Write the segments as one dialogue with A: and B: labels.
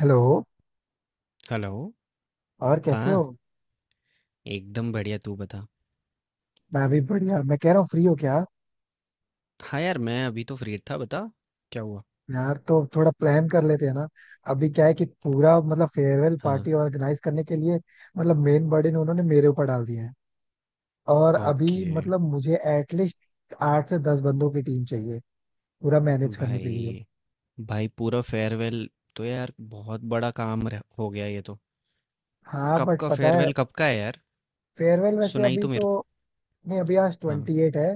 A: Hello.
B: Hello.
A: और कैसे
B: हाँ,
A: हो?
B: एकदम बढ़िया, तू बता।
A: मैं भी बढ़िया। मैं कह रहा हूँ फ्री हो क्या?
B: हाँ यार, मैं अभी तो फ्री था, बता, क्या हुआ?
A: यार तो थोड़ा प्लान कर लेते हैं ना। अभी क्या है कि पूरा मतलब फेयरवेल
B: हाँ।
A: पार्टी ऑर्गेनाइज करने के लिए, मतलब मेन बर्डन उन्होंने मेरे ऊपर डाल दिया है। और अभी,
B: ओके।
A: मतलब मुझे एटलीस्ट 8 से 10 बंदों की टीम चाहिए पूरा मैनेज करने के लिए।
B: भाई भाई, पूरा फेयरवेल, तो यार बहुत बड़ा काम हो गया ये तो।
A: हाँ
B: कब
A: बट
B: का
A: पता है,
B: फेयरवेल, कब का है यार,
A: फेयरवेल वैसे
B: सुनाई
A: अभी
B: तो
A: तो
B: मेरे को।
A: नहीं। अभी आज
B: हाँ।
A: 28 है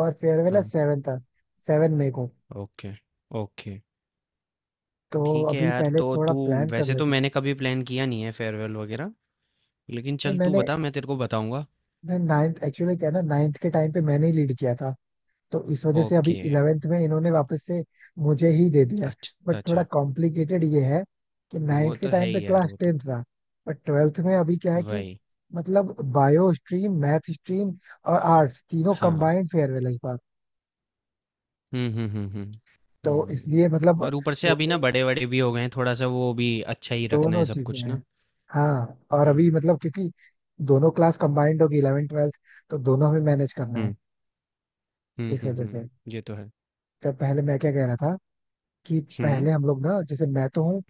A: और फेयरवेल है
B: हाँ।
A: 7 तक, 7 मई को।
B: Okay okay.
A: तो
B: ठीक है
A: अभी
B: यार,
A: पहले
B: तो
A: थोड़ा
B: तू,
A: प्लान कर
B: वैसे तो
A: लेते हैं।
B: मैंने कभी प्लान किया नहीं है फेयरवेल वगैरह, लेकिन
A: नहीं,
B: चल तू बता, मैं तेरे को बताऊंगा।
A: मैं 9th एक्चुअली क्या है ना, 9th के टाइम पे मैंने ही लीड किया था, तो इस वजह से अभी
B: ओके।
A: 11th में इन्होंने वापस से मुझे ही दे दिया है।
B: अच्छा
A: बट थोड़ा
B: अच्छा।
A: कॉम्प्लिकेटेड ये है कि
B: वो
A: 9th के
B: तो है
A: टाइम पे
B: ही यार,
A: क्लास
B: वो तो
A: 10th था, बट 12th में अभी क्या है कि
B: वही।
A: मतलब बायो स्ट्रीम, मैथ स्ट्रीम और आर्ट्स तीनों
B: हाँ।
A: कंबाइंड फेयरवेल है इस बार।
B: हुँ, हुँ, हुँ, हुँ।
A: तो इसलिए
B: हुँ,
A: मतलब
B: और ऊपर से अभी ना
A: टोटल
B: बड़े-वड़े भी हो गए हैं, थोड़ा-सा वो भी अच्छा ही रखना है
A: दोनों
B: सब
A: चीजें
B: कुछ ना।
A: हैं। हाँ, और अभी
B: हुँ,
A: मतलब क्योंकि दोनों क्लास कंबाइंड होगी, 11th 12th, तो दोनों में मैनेज करना है
B: हुँ, हुँ,
A: इस
B: हुँ,
A: वजह
B: हुँ,
A: से।
B: ये तो है।
A: तो पहले मैं क्या कह रहा था कि
B: हुँ,
A: पहले हम लोग ना, जैसे मैं तो हूँ,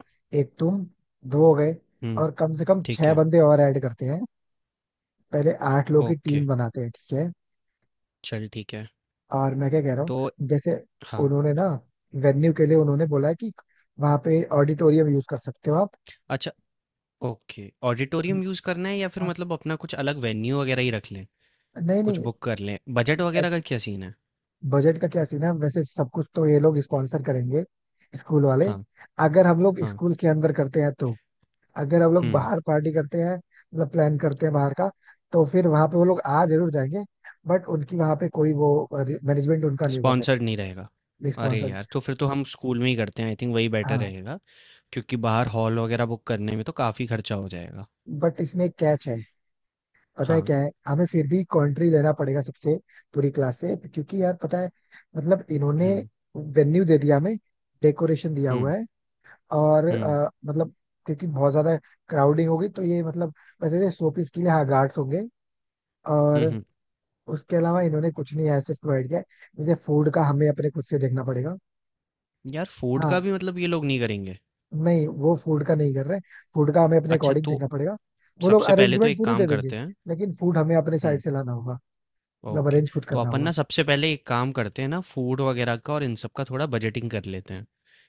A: एक तुम, दो हो गए,
B: हुँ,
A: और कम से कम
B: ठीक
A: छह
B: है,
A: बंदे और ऐड करते हैं, पहले 8 लोग की
B: ओके,
A: टीम बनाते हैं, ठीक है।
B: चल ठीक है।
A: और मैं क्या कह रहा
B: तो
A: हूँ, जैसे
B: हाँ,
A: उन्होंने ना वेन्यू के लिए उन्होंने बोला है कि वहां पे ऑडिटोरियम यूज कर सकते हो आप।
B: अच्छा। ओके, ऑडिटोरियम यूज़ करना है, या फिर
A: आप-
B: मतलब अपना कुछ अलग वेन्यू वगैरह ही रख लें?
A: नहीं
B: कुछ
A: नहीं।
B: बुक कर लें, बजट वगैरह का क्या सीन है?
A: बजट का क्या सीन है? वैसे सब कुछ तो ये लोग स्पॉन्सर करेंगे, स्कूल वाले।
B: हाँ,
A: अगर हम लोग
B: हाँ,
A: स्कूल के अंदर करते हैं तो, अगर हम लोग
B: हुँ,
A: बाहर पार्टी करते हैं, मतलब प्लान करते हैं बाहर का, तो फिर वहां पे वो लोग आ जरूर जाएंगे, बट उनकी वहां पे कोई वो मैनेजमेंट उनका नहीं होगा फिर,
B: स्पॉन्सर्ड नहीं रहेगा। अरे
A: रिस्पॉन्सिबल।
B: यार! तो फिर तो हम स्कूल में ही करते हैं, आई थिंक वही बेटर
A: हाँ
B: रहेगा। क्योंकि बाहर हॉल वगैरह बुक करने में तो काफ़ी खर्चा हो जाएगा।
A: बट इसमें एक कैच है, पता है
B: हाँ।
A: क्या है, हमें फिर भी कंट्री लेना पड़ेगा सबसे, पूरी क्लास से, क्योंकि यार पता है मतलब इन्होंने
B: हुँ,
A: वेन्यू दे दिया हमें, डेकोरेशन दिया हुआ
B: हुँ,
A: है, और
B: हुँ,
A: मतलब क्योंकि बहुत ज्यादा क्राउडिंग होगी तो ये मतलब, वैसे शोपीस के लिए हाँ गार्ड्स होंगे,
B: हुँ,
A: और
B: हुँ।
A: उसके अलावा इन्होंने कुछ नहीं ऐसे प्रोवाइड किया है। जैसे फूड का हमें अपने खुद से देखना पड़ेगा।
B: यार, फूड का
A: हाँ,
B: भी मतलब ये लोग नहीं करेंगे?
A: नहीं वो फूड का नहीं कर रहे, फूड का हमें अपने
B: अच्छा,
A: अकॉर्डिंग
B: तो
A: देखना पड़ेगा। वो लोग
B: सबसे पहले तो
A: अरेंजमेंट
B: एक
A: पूरी
B: काम
A: दे देंगे,
B: करते हैं।
A: लेकिन फूड हमें अपने साइड
B: हुँ,
A: से लाना होगा, मतलब
B: ओके।
A: अरेंज खुद
B: तो
A: करना
B: अपन
A: होगा।
B: ना सबसे पहले एक काम करते हैं ना, फूड वगैरह का और इन सब का थोड़ा बजटिंग कर लेते हैं।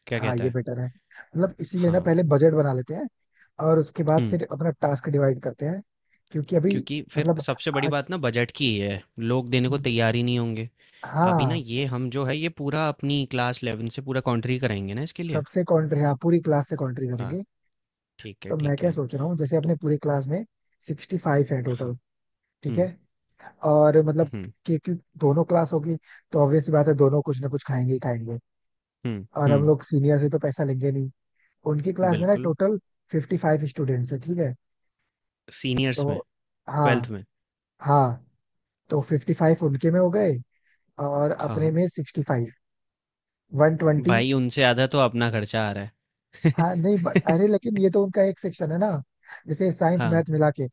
B: क्या
A: हाँ
B: कहता
A: ये
B: है?
A: बेटर है, मतलब इसीलिए ना
B: हाँ।
A: पहले बजट बना लेते हैं और उसके बाद
B: हुँ,
A: फिर अपना टास्क डिवाइड करते हैं, क्योंकि अभी
B: क्योंकि फिर
A: मतलब
B: सबसे बड़ी
A: आज,
B: बात ना बजट की ही है। लोग देने को तैयार ही नहीं होंगे। अभी ना
A: हाँ।
B: ये हम जो है ये पूरा अपनी क्लास 11 से पूरा कॉन्ट्री कराएँगे ना इसके लिए।
A: सबसे कॉन्ट्री, हाँ, पूरी क्लास से कॉन्ट्री
B: हाँ,
A: करेंगे।
B: ठीक है,
A: तो मैं
B: ठीक
A: क्या
B: है।
A: सोच रहा हूँ, जैसे अपने
B: तो
A: पूरी क्लास में 65 है टोटल,
B: हाँ।
A: ठीक है।
B: हुँ,
A: और मतलब
B: हुँ,
A: क्योंकि दोनों क्लास होगी तो ऑब्वियस सी बात है, दोनों कुछ ना कुछ खाएंगे ही खाएंगे,
B: हुँ,
A: और हम
B: हुँ,
A: लोग सीनियर से तो पैसा लेंगे नहीं। उनकी क्लास में ना
B: बिल्कुल।
A: टोटल 55 स्टूडेंट्स है, ठीक है,
B: सीनियर्स
A: तो,
B: में, 12th
A: हाँ,
B: में।
A: हाँ, तो 55 उनके में हो गए और अपने
B: हाँ,
A: में 65, 120।
B: भाई उनसे आधा तो अपना खर्चा आ रहा है।
A: हाँ नहीं अरे, लेकिन ये तो उनका एक सेक्शन है ना, जैसे साइंस
B: हाँ,
A: मैथ मिला के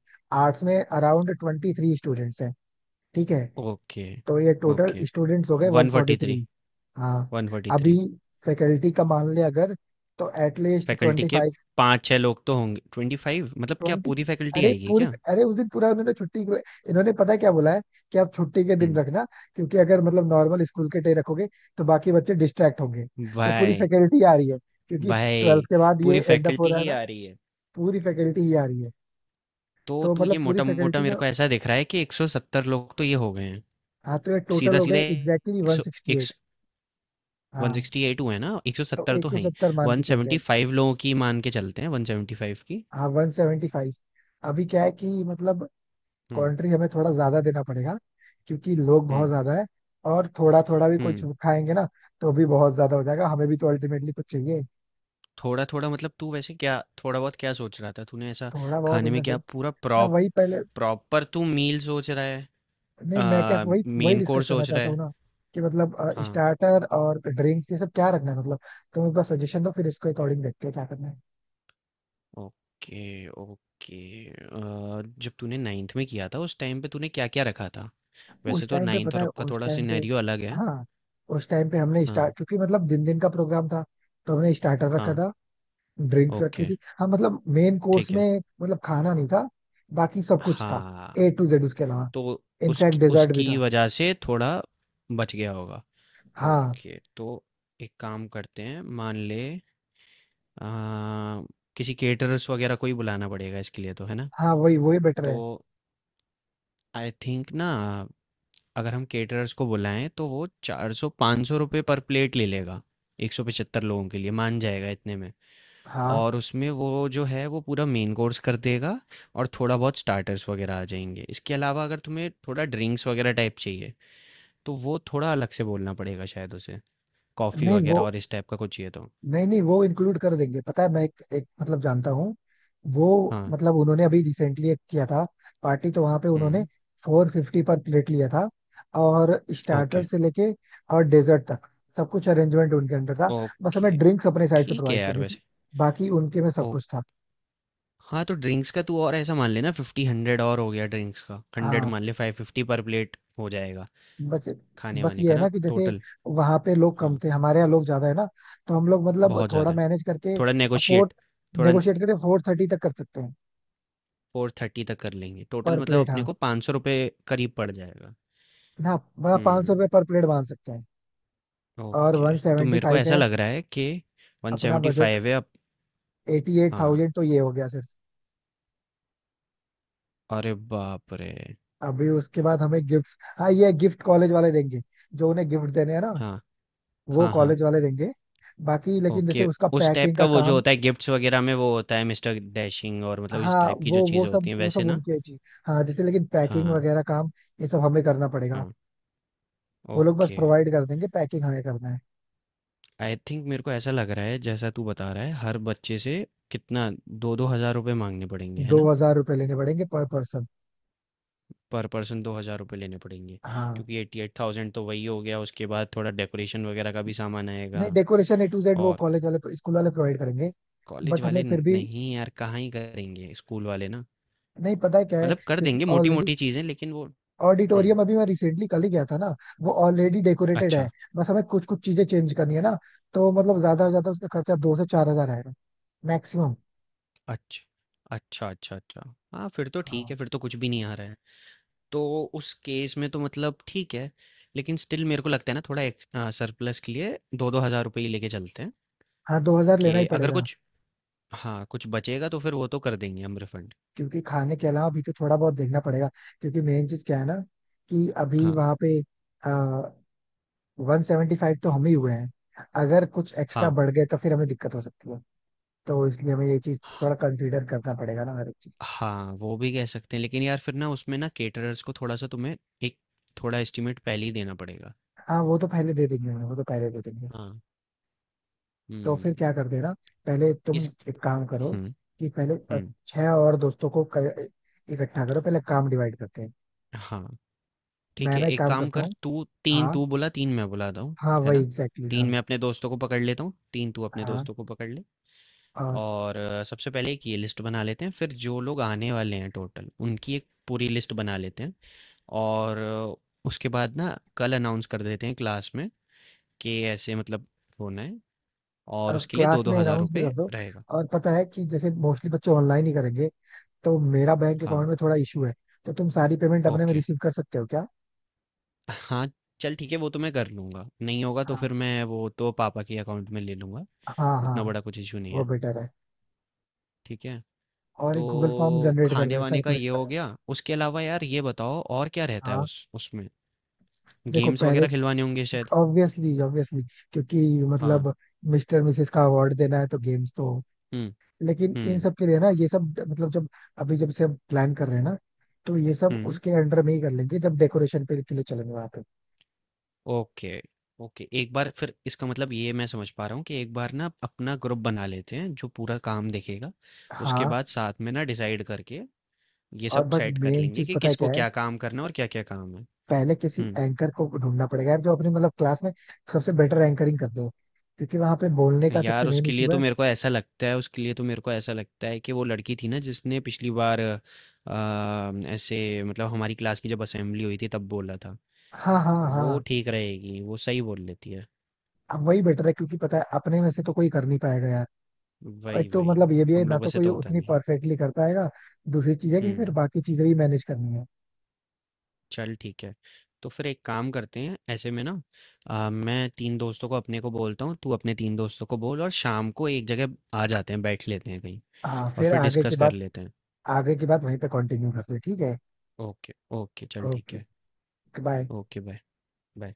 A: आर्ट्स में अराउंड 23 स्टूडेंट्स हैं, ठीक है।
B: ओके,
A: तो ये टोटल
B: ओके।
A: स्टूडेंट्स हो गए 143।
B: 143,
A: हाँ, अभी
B: 143
A: फैकल्टी का मान ले अगर, तो एटलीस्ट
B: फैकल्टी के
A: 25,
B: 5-6 लोग तो होंगे, 25 मतलब, क्या
A: 20।
B: पूरी फैकल्टी
A: अरे
B: आएगी
A: पूरी,
B: क्या?
A: अरे उस दिन पूरा उन्होंने इन्होंने पता है क्या बोला है कि आप छुट्टी के दिन
B: हुँ,
A: रखना, क्योंकि अगर मतलब नॉर्मल स्कूल के डे रखोगे तो बाकी बच्चे डिस्ट्रैक्ट होंगे। तो पूरी
B: भाई,
A: फैकल्टी आ रही है, क्योंकि 12th
B: भाई
A: के बाद ये
B: पूरी
A: एंड अप हो
B: फैकल्टी
A: रहा है
B: ही
A: ना,
B: आ रही है।
A: पूरी फैकल्टी ही आ रही है।
B: तो
A: तो
B: तू
A: मतलब
B: ये
A: पूरी
B: मोटा-मोटा
A: फैकल्टी में,
B: मेरे को ऐसा दिख रहा है कि 170 लोग तो ये हो गए हैं।
A: हाँ, तो ये टोटल हो गए
B: सीधा-सीधा
A: एग्जैक्टली
B: 100, एक
A: 168।
B: सौ
A: हाँ,
B: 168 हुए ना,
A: तो
B: 170 तो हैं ही,
A: 170 मान के चलते हैं।
B: 175 लोगों की मान के चलते हैं, 175 की।
A: हाँ, 175। अभी क्या है कि मतलब
B: हम्म।
A: कंट्री हमें थोड़ा ज्यादा देना पड़ेगा क्योंकि लोग बहुत
B: हम्म
A: ज्यादा है, और थोड़ा थोड़ा भी कुछ
B: हम्म
A: खाएंगे ना तो भी बहुत ज्यादा हो जाएगा, हमें भी तो अल्टीमेटली कुछ चाहिए।
B: थोड़ा थोड़ा मतलब, तू वैसे क्या थोड़ा बहुत क्या सोच रहा था तूने ऐसा,
A: थोड़ा बहुत
B: खाने
A: इन
B: में,
A: द
B: क्या
A: सेंस,
B: पूरा
A: मैं वही पहले,
B: प्रॉपर, तू मील सोच रहा है?
A: नहीं मैं क्या
B: आ,
A: वही वही
B: मेन
A: डिस्कस
B: कोर्स
A: करना
B: सोच रहा
A: चाहता हूँ
B: है?
A: ना, कि मतलब
B: हाँ।
A: स्टार्टर और ड्रिंक्स ये सब क्या रखना है मतलब, तुम एक बार सजेशन दो फिर इसको अकॉर्डिंग देखते हैं क्या करना है।
B: Okay okay. जब तूने नाइन्थ में किया था उस टाइम पे तूने क्या क्या रखा था, वैसे
A: उस
B: तो
A: टाइम पे
B: नाइन्थ
A: पता
B: और
A: है
B: अब का
A: उस
B: थोड़ा
A: टाइम पे,
B: सिनेरियो अलग है।
A: हाँ, उस टाइम पे हमने
B: हाँ,
A: स्टार्ट क्योंकि मतलब दिन दिन का प्रोग्राम था, तो हमने स्टार्टर रखा
B: हाँ,
A: था, ड्रिंक्स रखी
B: ओके,
A: थी, हाँ मतलब मेन कोर्स
B: ठीक है।
A: में, मतलब खाना नहीं था, बाकी सब कुछ था,
B: हाँ,
A: ए टू जेड। उसके अलावा
B: तो
A: इनफैक्ट
B: उसकी
A: डेजर्ट भी
B: उसकी
A: था।
B: वजह से थोड़ा बच गया होगा।
A: हाँ,
B: ओके, तो एक काम करते हैं, मान ले, आ, किसी केटरर्स वगैरह को ही बुलाना पड़ेगा इसके लिए, तो है ना?
A: हाँ, वही वही बेटर
B: तो
A: है।
B: आई थिंक ना, अगर हम केटरर्स को बुलाएं, तो वो 400-500 रुपये पर प्लेट ले लेगा, 175 लोगों के लिए मान जाएगा इतने में।
A: हाँ,
B: और उसमें वो जो है वो पूरा मेन कोर्स कर देगा, और थोड़ा बहुत स्टार्टर्स वगैरह आ जाएंगे। इसके अलावा अगर तुम्हें थोड़ा ड्रिंक्स वगैरह टाइप चाहिए, तो वो थोड़ा अलग से बोलना पड़ेगा शायद उसे, कॉफ़ी
A: नहीं
B: वग़ैरह
A: वो,
B: और इस टाइप का कुछ चाहिए तो।
A: नहीं नहीं वो इंक्लूड कर देंगे, पता है, मैं एक मतलब जानता हूँ वो।
B: हाँ।
A: मतलब उन्होंने अभी रिसेंटली एक किया था पार्टी, तो वहां पे उन्होंने
B: हुँ।
A: 450 पर प्लेट लिया था, और
B: ओके।
A: स्टार्टर से लेके और डेजर्ट तक सब कुछ अरेंजमेंट उनके अंडर था। बस हमें
B: ओके,
A: ड्रिंक्स अपने साइड से
B: ठीक है
A: प्रोवाइड
B: यार
A: करनी थी,
B: वैसे।
A: बाकी उनके में सब
B: ओ
A: कुछ था।
B: हाँ, तो ड्रिंक्स का तू और ऐसा मान ले ना 50-100 और हो गया ड्रिंक्स का, 100
A: हाँ
B: मान ले, 550 पर प्लेट हो जाएगा,
A: बस बस
B: खाने-वाने
A: ये
B: का
A: है ना
B: ना
A: कि जैसे
B: टोटल।
A: वहां पे लोग कम
B: हाँ,
A: थे, हमारे यहाँ लोग ज्यादा है ना, तो हम लोग मतलब
B: बहुत
A: थोड़ा
B: ज़्यादा है।
A: मैनेज करके,
B: थोड़ा
A: फोर
B: नेगोशिएट, थोड़ा
A: नेगोशिएट करके 430 तक कर सकते हैं
B: 430 तक कर लेंगे, टोटल
A: पर
B: मतलब
A: प्लेट।
B: अपने
A: हाँ
B: को ₹500 करीब पड़ जाएगा।
A: ना, मतलब पाँच सौ
B: हुँ,
A: रुपये पर प्लेट बांध सकते हैं। और
B: ओके।
A: वन
B: तो
A: सेवेंटी
B: मेरे को
A: फाइव
B: ऐसा
A: है
B: लग रहा है कि
A: अपना बजट,
B: 175 है अब।
A: एटी एट
B: हाँ,
A: थाउजेंड तो ये हो गया सिर्फ।
B: अरे बाप रे!
A: अभी उसके बाद हमें गिफ्ट, हाँ ये गिफ्ट कॉलेज वाले देंगे, जो उन्हें गिफ्ट देने हैं ना,
B: हाँ,
A: वो
B: हाँ, हाँ।
A: कॉलेज वाले देंगे। बाकी लेकिन जैसे
B: ओके,
A: उसका
B: उस टाइप
A: पैकिंग
B: का
A: का
B: वो जो
A: काम,
B: होता है गिफ्ट्स वगैरह में, वो होता है मिस्टर डैशिंग, और मतलब इस
A: हाँ
B: टाइप की जो
A: वो
B: चीज़ें
A: सब
B: होती हैं
A: वो
B: वैसे,
A: सब
B: ना?
A: उनकी है चीज। हाँ, जैसे लेकिन पैकिंग
B: हाँ,
A: वगैरह काम, ये सब हमें करना पड़ेगा,
B: हाँ।
A: वो लोग बस
B: ओके,
A: प्रोवाइड कर देंगे, पैकिंग हमें करना है।
B: आई थिंक मेरे को ऐसा लग रहा है जैसा तू बता रहा है, हर बच्चे से कितना, 2-2 हज़ार रुपए माँगने पड़ेंगे, है
A: दो
B: ना?
A: हजार रुपये लेने पड़ेंगे पर पर्सन।
B: पर पर्सन 2 हज़ार रुपए लेने पड़ेंगे,
A: हाँ,
B: क्योंकि 88,000 तो वही हो गया, उसके बाद थोड़ा डेकोरेशन वगैरह का भी सामान आएगा।
A: नहीं डेकोरेशन ए टू जेड वो
B: और
A: कॉलेज वाले स्कूल वाले प्रोवाइड करेंगे।
B: कॉलेज
A: बट हमें
B: वाले,
A: फिर भी,
B: नहीं यार, कहाँ ही करेंगे, स्कूल वाले ना।
A: नहीं पता है क्या है,
B: मतलब कर
A: क्योंकि
B: देंगे
A: ऑलरेडी
B: मोटी-मोटी चीज़ें लेकिन वो। हुँ।
A: ऑडिटोरियम, अभी मैं रिसेंटली कल ही गया था ना, वो ऑलरेडी डेकोरेटेड है,
B: अच्छा,
A: बस हमें कुछ कुछ चीजें चेंज करनी है ना, तो मतलब ज्यादा से ज्यादा उसका खर्चा 2 से 4 हजार आएगा, मैक्सिमम।
B: अच्छ अच्छा, अच्छा, अच्छा। हाँ, फिर तो ठीक
A: हाँ,
B: है, फिर तो कुछ भी नहीं आ रहा है। तो उस केस में तो मतलब ठीक है, लेकिन स्टिल मेरे को लगता है ना, थोड़ा सरप्लस के लिए 2-2 हज़ार रुपए ही लेके चलते हैं,
A: हाँ, 2,000 लेना ही
B: कि अगर
A: पड़ेगा,
B: कुछ, हाँ, कुछ बचेगा तो फिर वो तो कर देंगे हम रिफंड।
A: क्योंकि खाने के अलावा भी तो थोड़ा बहुत देखना पड़ेगा, क्योंकि मेन चीज क्या है ना, कि अभी
B: हाँ,
A: वहां पे 175 तो हम ही हुए हैं, अगर कुछ एक्स्ट्रा
B: हाँ।
A: बढ़ गए तो फिर हमें दिक्कत हो सकती है, तो इसलिए हमें ये चीज थोड़ा कंसीडर करना पड़ेगा ना, हर एक चीज।
B: हाँ, वो भी कह सकते हैं, लेकिन यार फिर ना उसमें ना कैटरर्स को थोड़ा-सा तुम्हें, एक थोड़ा एस्टीमेट पहले ही देना पड़ेगा।
A: हाँ, वो तो पहले दे देंगे हमें, वो तो पहले दे देंगे।
B: हाँ।
A: तो फिर
B: हुँ,
A: क्या करते हैं ना, पहले तुम
B: इस
A: एक काम करो,
B: हुँ,
A: कि पहले
B: हुँ।
A: 6 और दोस्तों को इकट्ठा करो, पहले काम डिवाइड करते हैं।
B: हाँ, ठीक
A: मैं
B: है,
A: ना एक
B: एक
A: काम
B: काम
A: करता
B: कर
A: हूँ।
B: तू, 3
A: हाँ,
B: तू बोला, 3 मैं बुलाता हूँ,
A: हाँ,
B: है
A: वही
B: ना?
A: एग्जैक्टली
B: 3
A: exactly,
B: मैं अपने दोस्तों को पकड़ लेता हूँ, 3 तू अपने
A: हाँ
B: दोस्तों को पकड़ ले,
A: हाँ।
B: और सबसे पहले एक ये लिस्ट बना लेते हैं, फिर जो लोग आने वाले हैं टोटल, उनकी एक पूरी लिस्ट बना लेते हैं, और उसके बाद ना कल अनाउंस कर देते हैं क्लास में, कि ऐसे मतलब होना है, और
A: अब
B: उसके लिए
A: क्लास
B: 2-2
A: में
B: हज़ार
A: राउंड भी कर
B: रुपये
A: दो,
B: रहेगा।
A: और पता है कि जैसे मोस्टली बच्चे ऑनलाइन ही करेंगे, तो मेरा बैंक
B: हाँ,
A: अकाउंट में थोड़ा इशू है, तो तुम सारी पेमेंट अपने में
B: ओके।
A: रिसीव कर सकते हो क्या?
B: हाँ, चल ठीक है, वो तो मैं कर लूँगा, नहीं होगा तो
A: हाँ,
B: फिर मैं वो तो पापा के अकाउंट में ले लूँगा,
A: हाँ हाँ,
B: उतना बड़ा कुछ इश्यू नहीं
A: वो
B: है,
A: बेटर है।
B: ठीक है?
A: और
B: तो
A: एक गूगल फॉर्म जनरेट कर देना,
B: खाने-वाने का
A: सर्कुलेट
B: ये
A: कर
B: हो
A: देना।
B: गया, उसके अलावा यार ये बताओ और क्या रहता है
A: हाँ,
B: उस उसमें?
A: देखो
B: गेम्स
A: पहले,
B: वगैरह खिलवाने होंगे शायद?
A: ऑब्वियसली ऑब्वियसली, क्योंकि
B: हाँ।
A: मतलब मिस्टर मिसेस का अवार्ड देना है, तो गेम्स तो हो।
B: हुँ,
A: लेकिन इन
B: हुँ,
A: सब के लिए ना ये सब मतलब जब, अभी जब से हम प्लान कर रहे हैं ना, तो ये सब
B: हुँ।
A: उसके अंडर में ही कर लेंगे जब डेकोरेशन पे के लिए चलेंगे वहां पे।
B: Okay, okay. एक बार फिर इसका मतलब ये मैं समझ पा रहा हूँ कि एक बार ना अपना ग्रुप बना लेते हैं जो पूरा काम देखेगा। उसके
A: हाँ,
B: बाद साथ में ना डिसाइड करके ये
A: और
B: सब
A: बट
B: सेट कर
A: मेन
B: लेंगे
A: चीज
B: कि
A: पता है
B: किसको
A: क्या है,
B: क्या काम करना है और क्या-क्या काम है।
A: पहले किसी
B: हुँ।
A: एंकर को ढूंढना पड़ेगा यार, जो अपनी मतलब क्लास में सबसे बेटर एंकरिंग कर दे, क्योंकि वहां पे बोलने का सबसे
B: यार
A: मेन
B: उसके लिए
A: इशू
B: तो
A: है।
B: मेरे को ऐसा लगता है उसके लिए तो मेरे को ऐसा लगता है कि वो लड़की थी ना जिसने पिछली बार, ऐसे मतलब हमारी क्लास की जब असेंबली हुई थी तब बोला था,
A: हाँ, हाँ,
B: वो
A: हाँ,
B: ठीक रहेगी, वो सही बोल लेती है।
A: अब वही बेटर है, क्योंकि पता है अपने में से तो कोई कर नहीं पाएगा यार, और
B: वही
A: एक तो
B: वही।
A: मतलब ये भी है
B: हम
A: ना
B: लोगों
A: तो
B: से
A: कोई
B: तो होता
A: उतनी
B: नहीं है।
A: परफेक्टली कर पाएगा, दूसरी चीज है कि फिर
B: हम्म,
A: बाकी चीजें भी मैनेज करनी है।
B: चल ठीक है, तो फिर एक काम करते हैं ऐसे में ना, मैं तीन दोस्तों को अपने को बोलता हूँ, तू अपने तीन दोस्तों को बोल, और शाम को एक जगह आ जाते हैं, बैठ लेते हैं कहीं,
A: हाँ,
B: और
A: फिर
B: फिर
A: आगे की
B: डिस्कस कर
A: बात,
B: लेते हैं।
A: आगे की बात वहीं पे कंटिन्यू करते हैं, ठीक है।
B: ओके, ओके, चल ठीक
A: ओके,
B: है।
A: बाय।
B: Okay, bye. बाय।